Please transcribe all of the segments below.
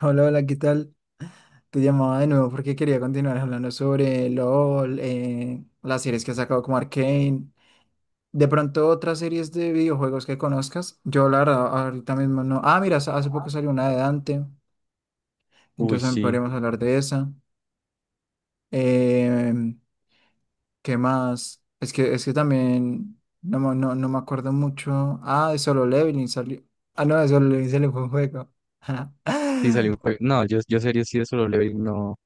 Hola, hola, ¿qué tal? Te llamaba de nuevo porque quería continuar hablando sobre LOL, las series que ha sacado como Arcane, de pronto otras series de videojuegos que conozcas. Yo la verdad ahorita mismo no. Ah, mira, hace poco salió una de Dante, Uy, entonces también sí, podríamos hablar de esa. Eh, ¿Qué más? Es que también no, no me acuerdo mucho. Ah, de Solo Leveling salió. Ah, no, de Solo Leveling salió fue un juego. sí salió un juego. No, yo, yo serie de Solo Leveling, no.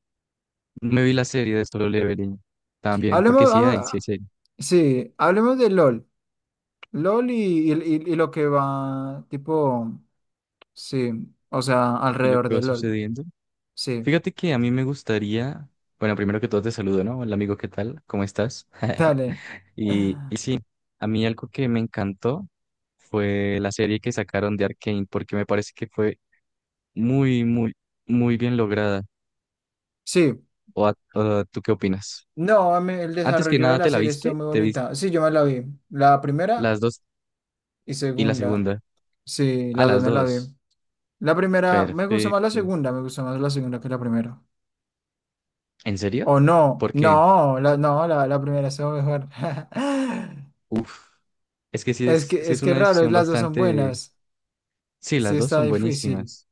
No me vi la serie de Solo Leveling también, porque Hablemos, sí hay ah, serie. sí, hablemos de LOL. LOL y lo que va, tipo, sí, o sea, Y lo alrededor que va de LOL, sucediendo. sí, Fíjate que a mí me gustaría, bueno, primero que todo te saludo, ¿no? Hola amigo, ¿qué tal? ¿Cómo estás? dale. Y sí, a mí algo que me encantó fue la serie que sacaron de Arcane, porque me parece que fue muy, muy, muy bien lograda. Sí, ¿O o tú qué opinas? no, a mí el Antes que desarrollo de nada, la ¿te la serie estuvo viste? muy ¿Te viste bonita. Sí, yo me la vi, la primera las dos y y la segunda, segunda? sí, Ah, las dos las me la vi. dos. La primera, me gustó más la Perfecto. segunda, me gustó más la segunda que la primera. ¿En serio? O no, ¿Por qué? no, la primera estuvo mejor. Uf, es que Es que, sí es es que una raro, decisión las dos son bastante... buenas, Sí, sí las dos está son difícil. buenísimas.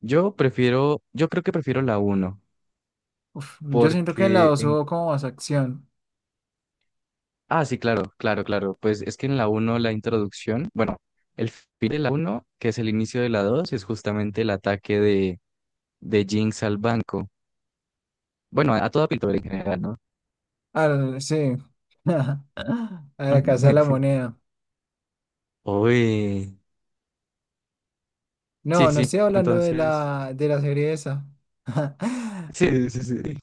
Yo creo que prefiero la uno, Uf, yo siento que en la porque 2 en... hubo como más acción. Ah, sí, claro, claro, claro. Pues es que en la uno la introducción, bueno, el fin de la uno, que es el inicio de la 2, es justamente el ataque de Jinx al banco. Bueno, a toda pintura en general, ¿no? Al, sí. A la Casa de la Moneda. Uy. Sí, No, no sí, estoy hablando entonces... de la serie esa. Sí, sí, sí.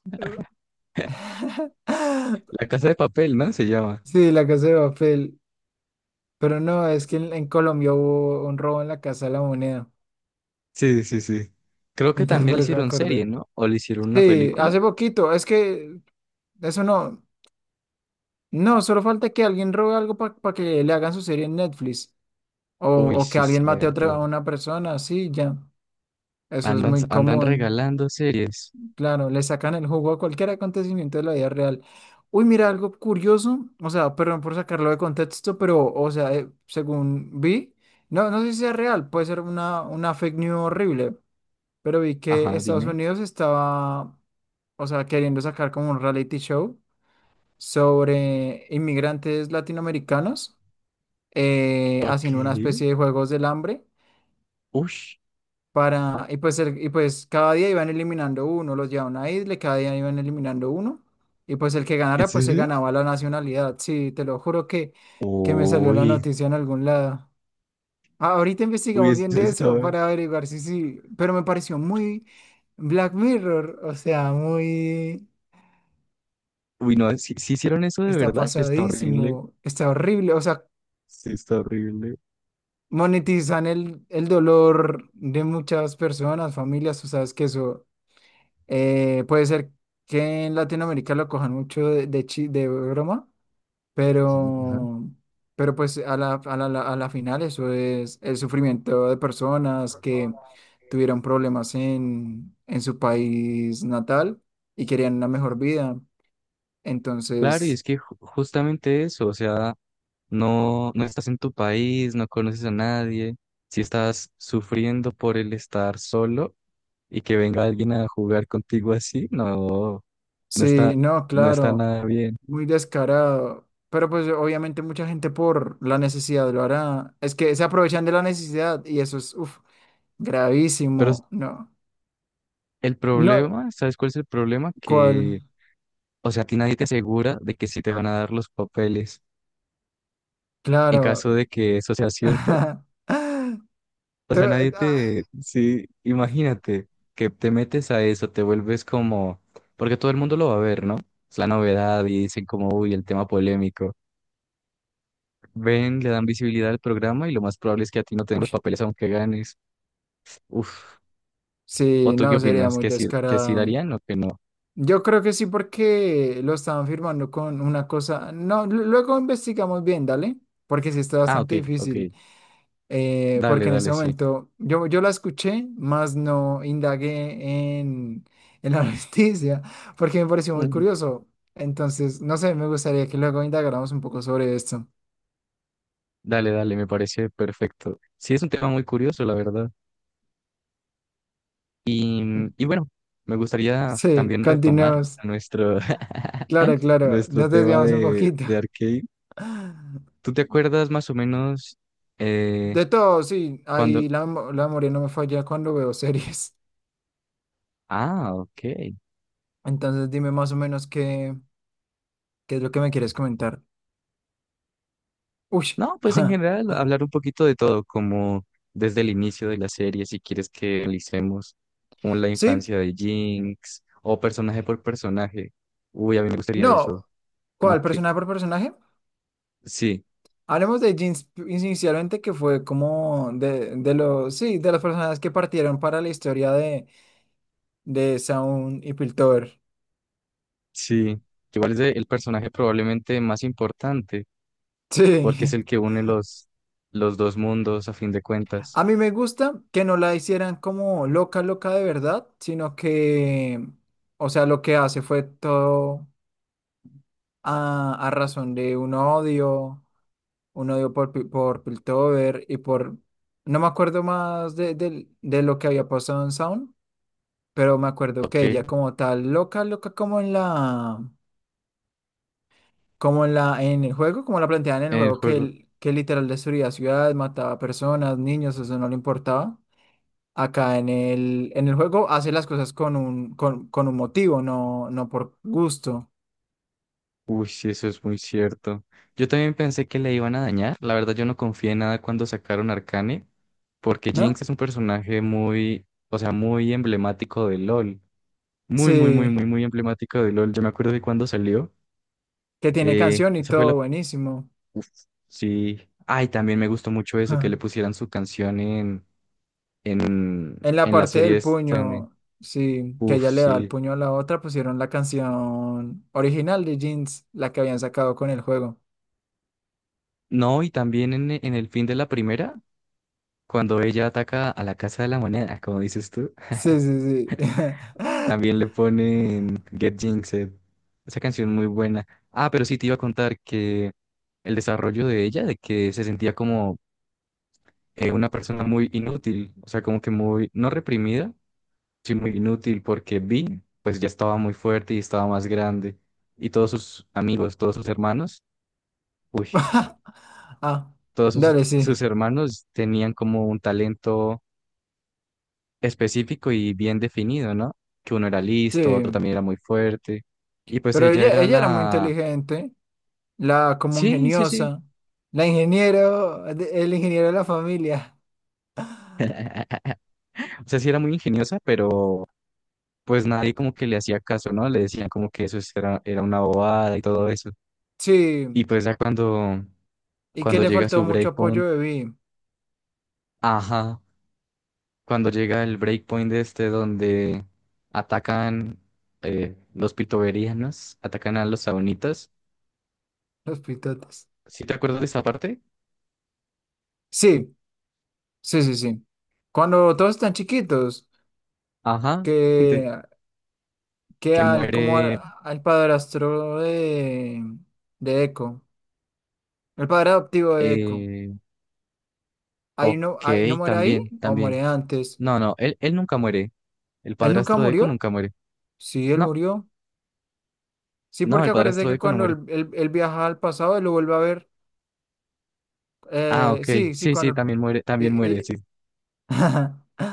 La casa de papel, ¿no? Se llama. Sí, la Casa de Papel. Pero no, es que en Colombia hubo un robo en la Casa de la Moneda. Sí, sí, sí. Creo que Entonces también por le eso me hicieron serie, acordé. ¿no? O le hicieron una Sí, película. hace poquito. Es que eso no. No, solo falta que alguien robe algo para que le hagan su serie en Netflix. O, Uy, o que sí, alguien mate a otra a cierto. una persona, sí, ya. Eso es Andan, muy andan común. regalando series. Claro, le sacan el jugo a cualquier acontecimiento de la vida real. Uy, mira, algo curioso, o sea, perdón por sacarlo de contexto, pero, o sea, según vi, no, no sé si sea real, puede ser una fake news horrible, pero vi que Ajá, Estados dime. Unidos estaba, o sea, queriendo sacar como un reality show sobre inmigrantes latinoamericanos, Ok. haciendo una especie de juegos del hambre. Ush. Para, y pues, y pues cada día iban eliminando uno, los llevaban a una isla, y cada día iban eliminando uno, y pues el que ¿En ganara, pues se serio? ganaba la nacionalidad. Sí, te lo juro que me salió la Uy. noticia en algún lado. Ah, ahorita Uy, investigamos bien de eso está... para averiguar si sí, pero me pareció muy Black Mirror, o sea, muy, Uy, no, si, si hicieron eso de está verdad, eso está horrible. pasadísimo, está horrible, o sea, Sí, está horrible. monetizan el dolor de muchas personas, familias, tú sabes que eso. Puede ser que en Latinoamérica lo cojan mucho de broma, Ujú, ajá. pero, pero pues a la final eso es el sufrimiento de personas que tuvieron problemas en su país natal y querían una mejor vida. Claro, y Entonces, es que justamente eso, o sea, no, no estás en tu país, no conoces a nadie, si estás sufriendo por el estar solo. Y que venga alguien a jugar contigo así, no, no sí, está, no, no está claro, nada bien. muy descarado. Pero pues obviamente mucha gente por la necesidad lo hará. Es que se aprovechan de la necesidad y eso es, uf, Pero s- gravísimo, no. el No, problema, ¿sabes cuál es el problema? ¿cuál? Que, o sea, a ti nadie te asegura de que sí te van a dar los papeles. En Claro. caso de que eso sea cierto, o sea, nadie ah, te, sí, imagínate que te metes a eso, te vuelves como, porque todo el mundo lo va a ver, ¿no? Es la novedad y dicen como, uy, el tema polémico. Ven, le dan visibilidad al programa y lo más probable es que a ti no te den los uy, papeles aunque ganes. Uf. ¿O sí, tú qué no, sería opinas? muy Que sí descarado. darían o que no? Yo creo que sí, porque lo estaban firmando con una cosa. No, luego investigamos bien, dale, porque sí está Ah, ok, bastante ok. difícil. Eh, Dale, porque en ese dale, sí. momento yo la escuché, más no indagué en la noticia, porque me pareció muy Mm. curioso. Entonces, no sé, me gustaría que luego indagáramos un poco sobre esto. Dale, dale, me parece perfecto. Sí, es un tema muy curioso, la verdad. Y, y bueno, me gustaría Sí, también retomar continuemos. nuestro, Claro, claro, nuestro nos tema desviamos un poquito. de arcade. ¿Tú te acuerdas más o menos eh, De todo, sí, cuando... la memoria no me falla cuando veo series. Ah, ok. Entonces dime más o menos qué, qué es lo que me quieres comentar. Uy. No, pues en general hablar un poquito de todo, como desde el inicio de la serie, si quieres que analicemos como la Sí, infancia de Jinx o personaje por personaje. Uy, a mí me gustaría no, eso. Como ¿cuál? que ¿Personaje por personaje? sí, Hablemos de Jeans inicialmente, que fue como de los, sí, de las personas que partieron para la historia de Sound y Piltover. sí. Igual es el personaje probablemente más importante porque es Sí. el que une los dos mundos a fin de cuentas. A mí me gusta que no la hicieran como loca, loca de verdad, sino que, o sea, lo que hace fue todo a razón de un odio por, por Piltover y por, no me acuerdo más de lo que había pasado en Sound, pero me acuerdo que Ok, ella en como tal, loca, como en la, en el juego, como la planteaban en el el juego, que, juego. Que literal destruía ciudades, mataba personas, niños, eso no le importaba. Acá en el juego hace las cosas con un, con un motivo, no, no por gusto, Uy, sí, eso es muy cierto. Yo también pensé que le iban a dañar. La verdad, yo no confié en nada cuando sacaron Arcane, porque Jinx ¿no? es un personaje muy, o sea, muy emblemático de LOL. Muy, muy, muy, Sí, muy, muy emblemático de LOL. Yo me acuerdo de cuando salió. que tiene canción y Esa fue la... todo buenísimo. Uf, sí. Ay, también me gustó mucho eso, que Ajá. le pusieran su canción en, En la en la parte serie del esta. puño, sí, que Uf, ella le da el sí. puño a la otra, pusieron la canción original de Jeans, la que habían sacado con el juego. No, y también en el fin de la primera, cuando ella ataca a la Casa de la Moneda, como dices tú. Sí, sí, sí. También le ponen Get Jinxed. Esa canción muy buena. Ah, pero sí te iba a contar que el desarrollo de ella, de que se sentía como una persona muy inútil, o sea, como que muy, no reprimida, sí muy inútil, porque Vi, pues ya estaba muy fuerte y estaba más grande. Y todos sus amigos, todos sus hermanos, uy, Ah, todos dale, sí. sus hermanos tenían como un talento específico y bien definido, ¿no? Que uno era listo, otro Sí. también era muy fuerte. Y pues Pero ella era ella era muy la... inteligente. La como Sí, sí, sí. ingeniosa. La ingeniero, el ingeniero de la familia. O sea, sí era muy ingeniosa, pero pues nadie como que le hacía caso, ¿no? Le decían como que eso era una bobada y todo eso. Y Sí. pues ya ¿Y que cuando le llega faltó su mucho apoyo breakpoint, de Vi? ajá, cuando llega el breakpoint de este donde atacan los pitoverianos, atacan a los sabonitas. Los pitotes. ¿Sí te acuerdas de esa parte? Sí, sí, sí, sí. Cuando todos están chiquitos, Ajá, de- que, que muere. Al padrastro de Eco, el padre adoptivo de Eco, Eh, ok, ahí no muere ahí también, o también. muere antes. No, no, él nunca muere. El ¿Él nunca padrastro de Eco murió? nunca muere. Sí, él No. murió. Sí, No, porque el acuérdate padrastro de que Eco no cuando muere. Él viaja al pasado, él lo vuelve a ver. Ah, ok. Sí, sí, Sí, sí, cuando... y- también muere, sí, y-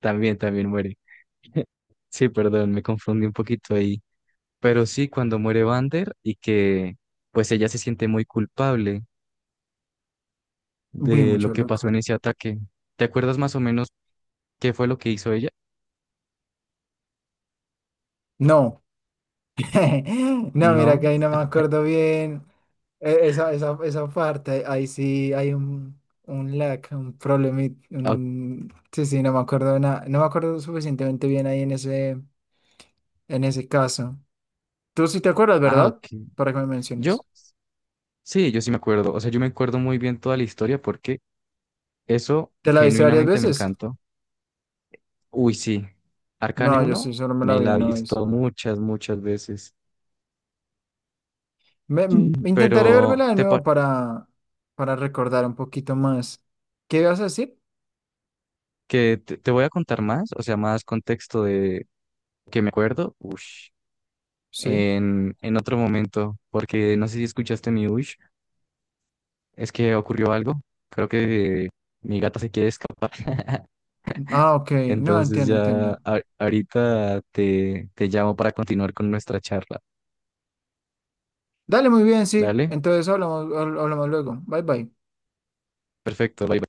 también, también muere. Sí, perdón, me confundí un poquito ahí. Pero sí, cuando muere Vander y que pues ella se siente muy culpable Vi de lo mucho que pasó en loco. ese ataque. ¿Te acuerdas más o menos qué fue lo que hizo ella? No, no, mira que No. ahí no me acuerdo bien esa parte. Ahí sí hay un lag, un problema. Ah, ok. Sí, sí, no me acuerdo nada. No me acuerdo suficientemente bien ahí en ese caso. Tú sí te acuerdas, Ah, ¿verdad? ok. Para que me Yo, menciones. sí, yo sí me acuerdo. O sea, yo me acuerdo muy bien toda la historia porque eso ¿Te la viste varias genuinamente me veces? encantó. Uy, sí. Arcane No, yo sí, uno solo me la me vi la he una vez. visto muchas, muchas veces. Sí. Me intentaré Pero vérmela de te, pa- nuevo para recordar un poquito más. ¿Qué ibas a decir? que te voy a contar más, o sea, más contexto de que me acuerdo. Ush. Sí. En otro momento, porque no sé si escuchaste mi ush, es que ocurrió algo. Creo que mi gata se quiere escapar. Ah, ok. No, Entonces entiendo, ya entiendo. Ahorita te llamo para continuar con nuestra charla. Dale, muy bien, sí. Dale, Entonces hablamos, hablamos luego. Bye, bye. perfecto. Bye.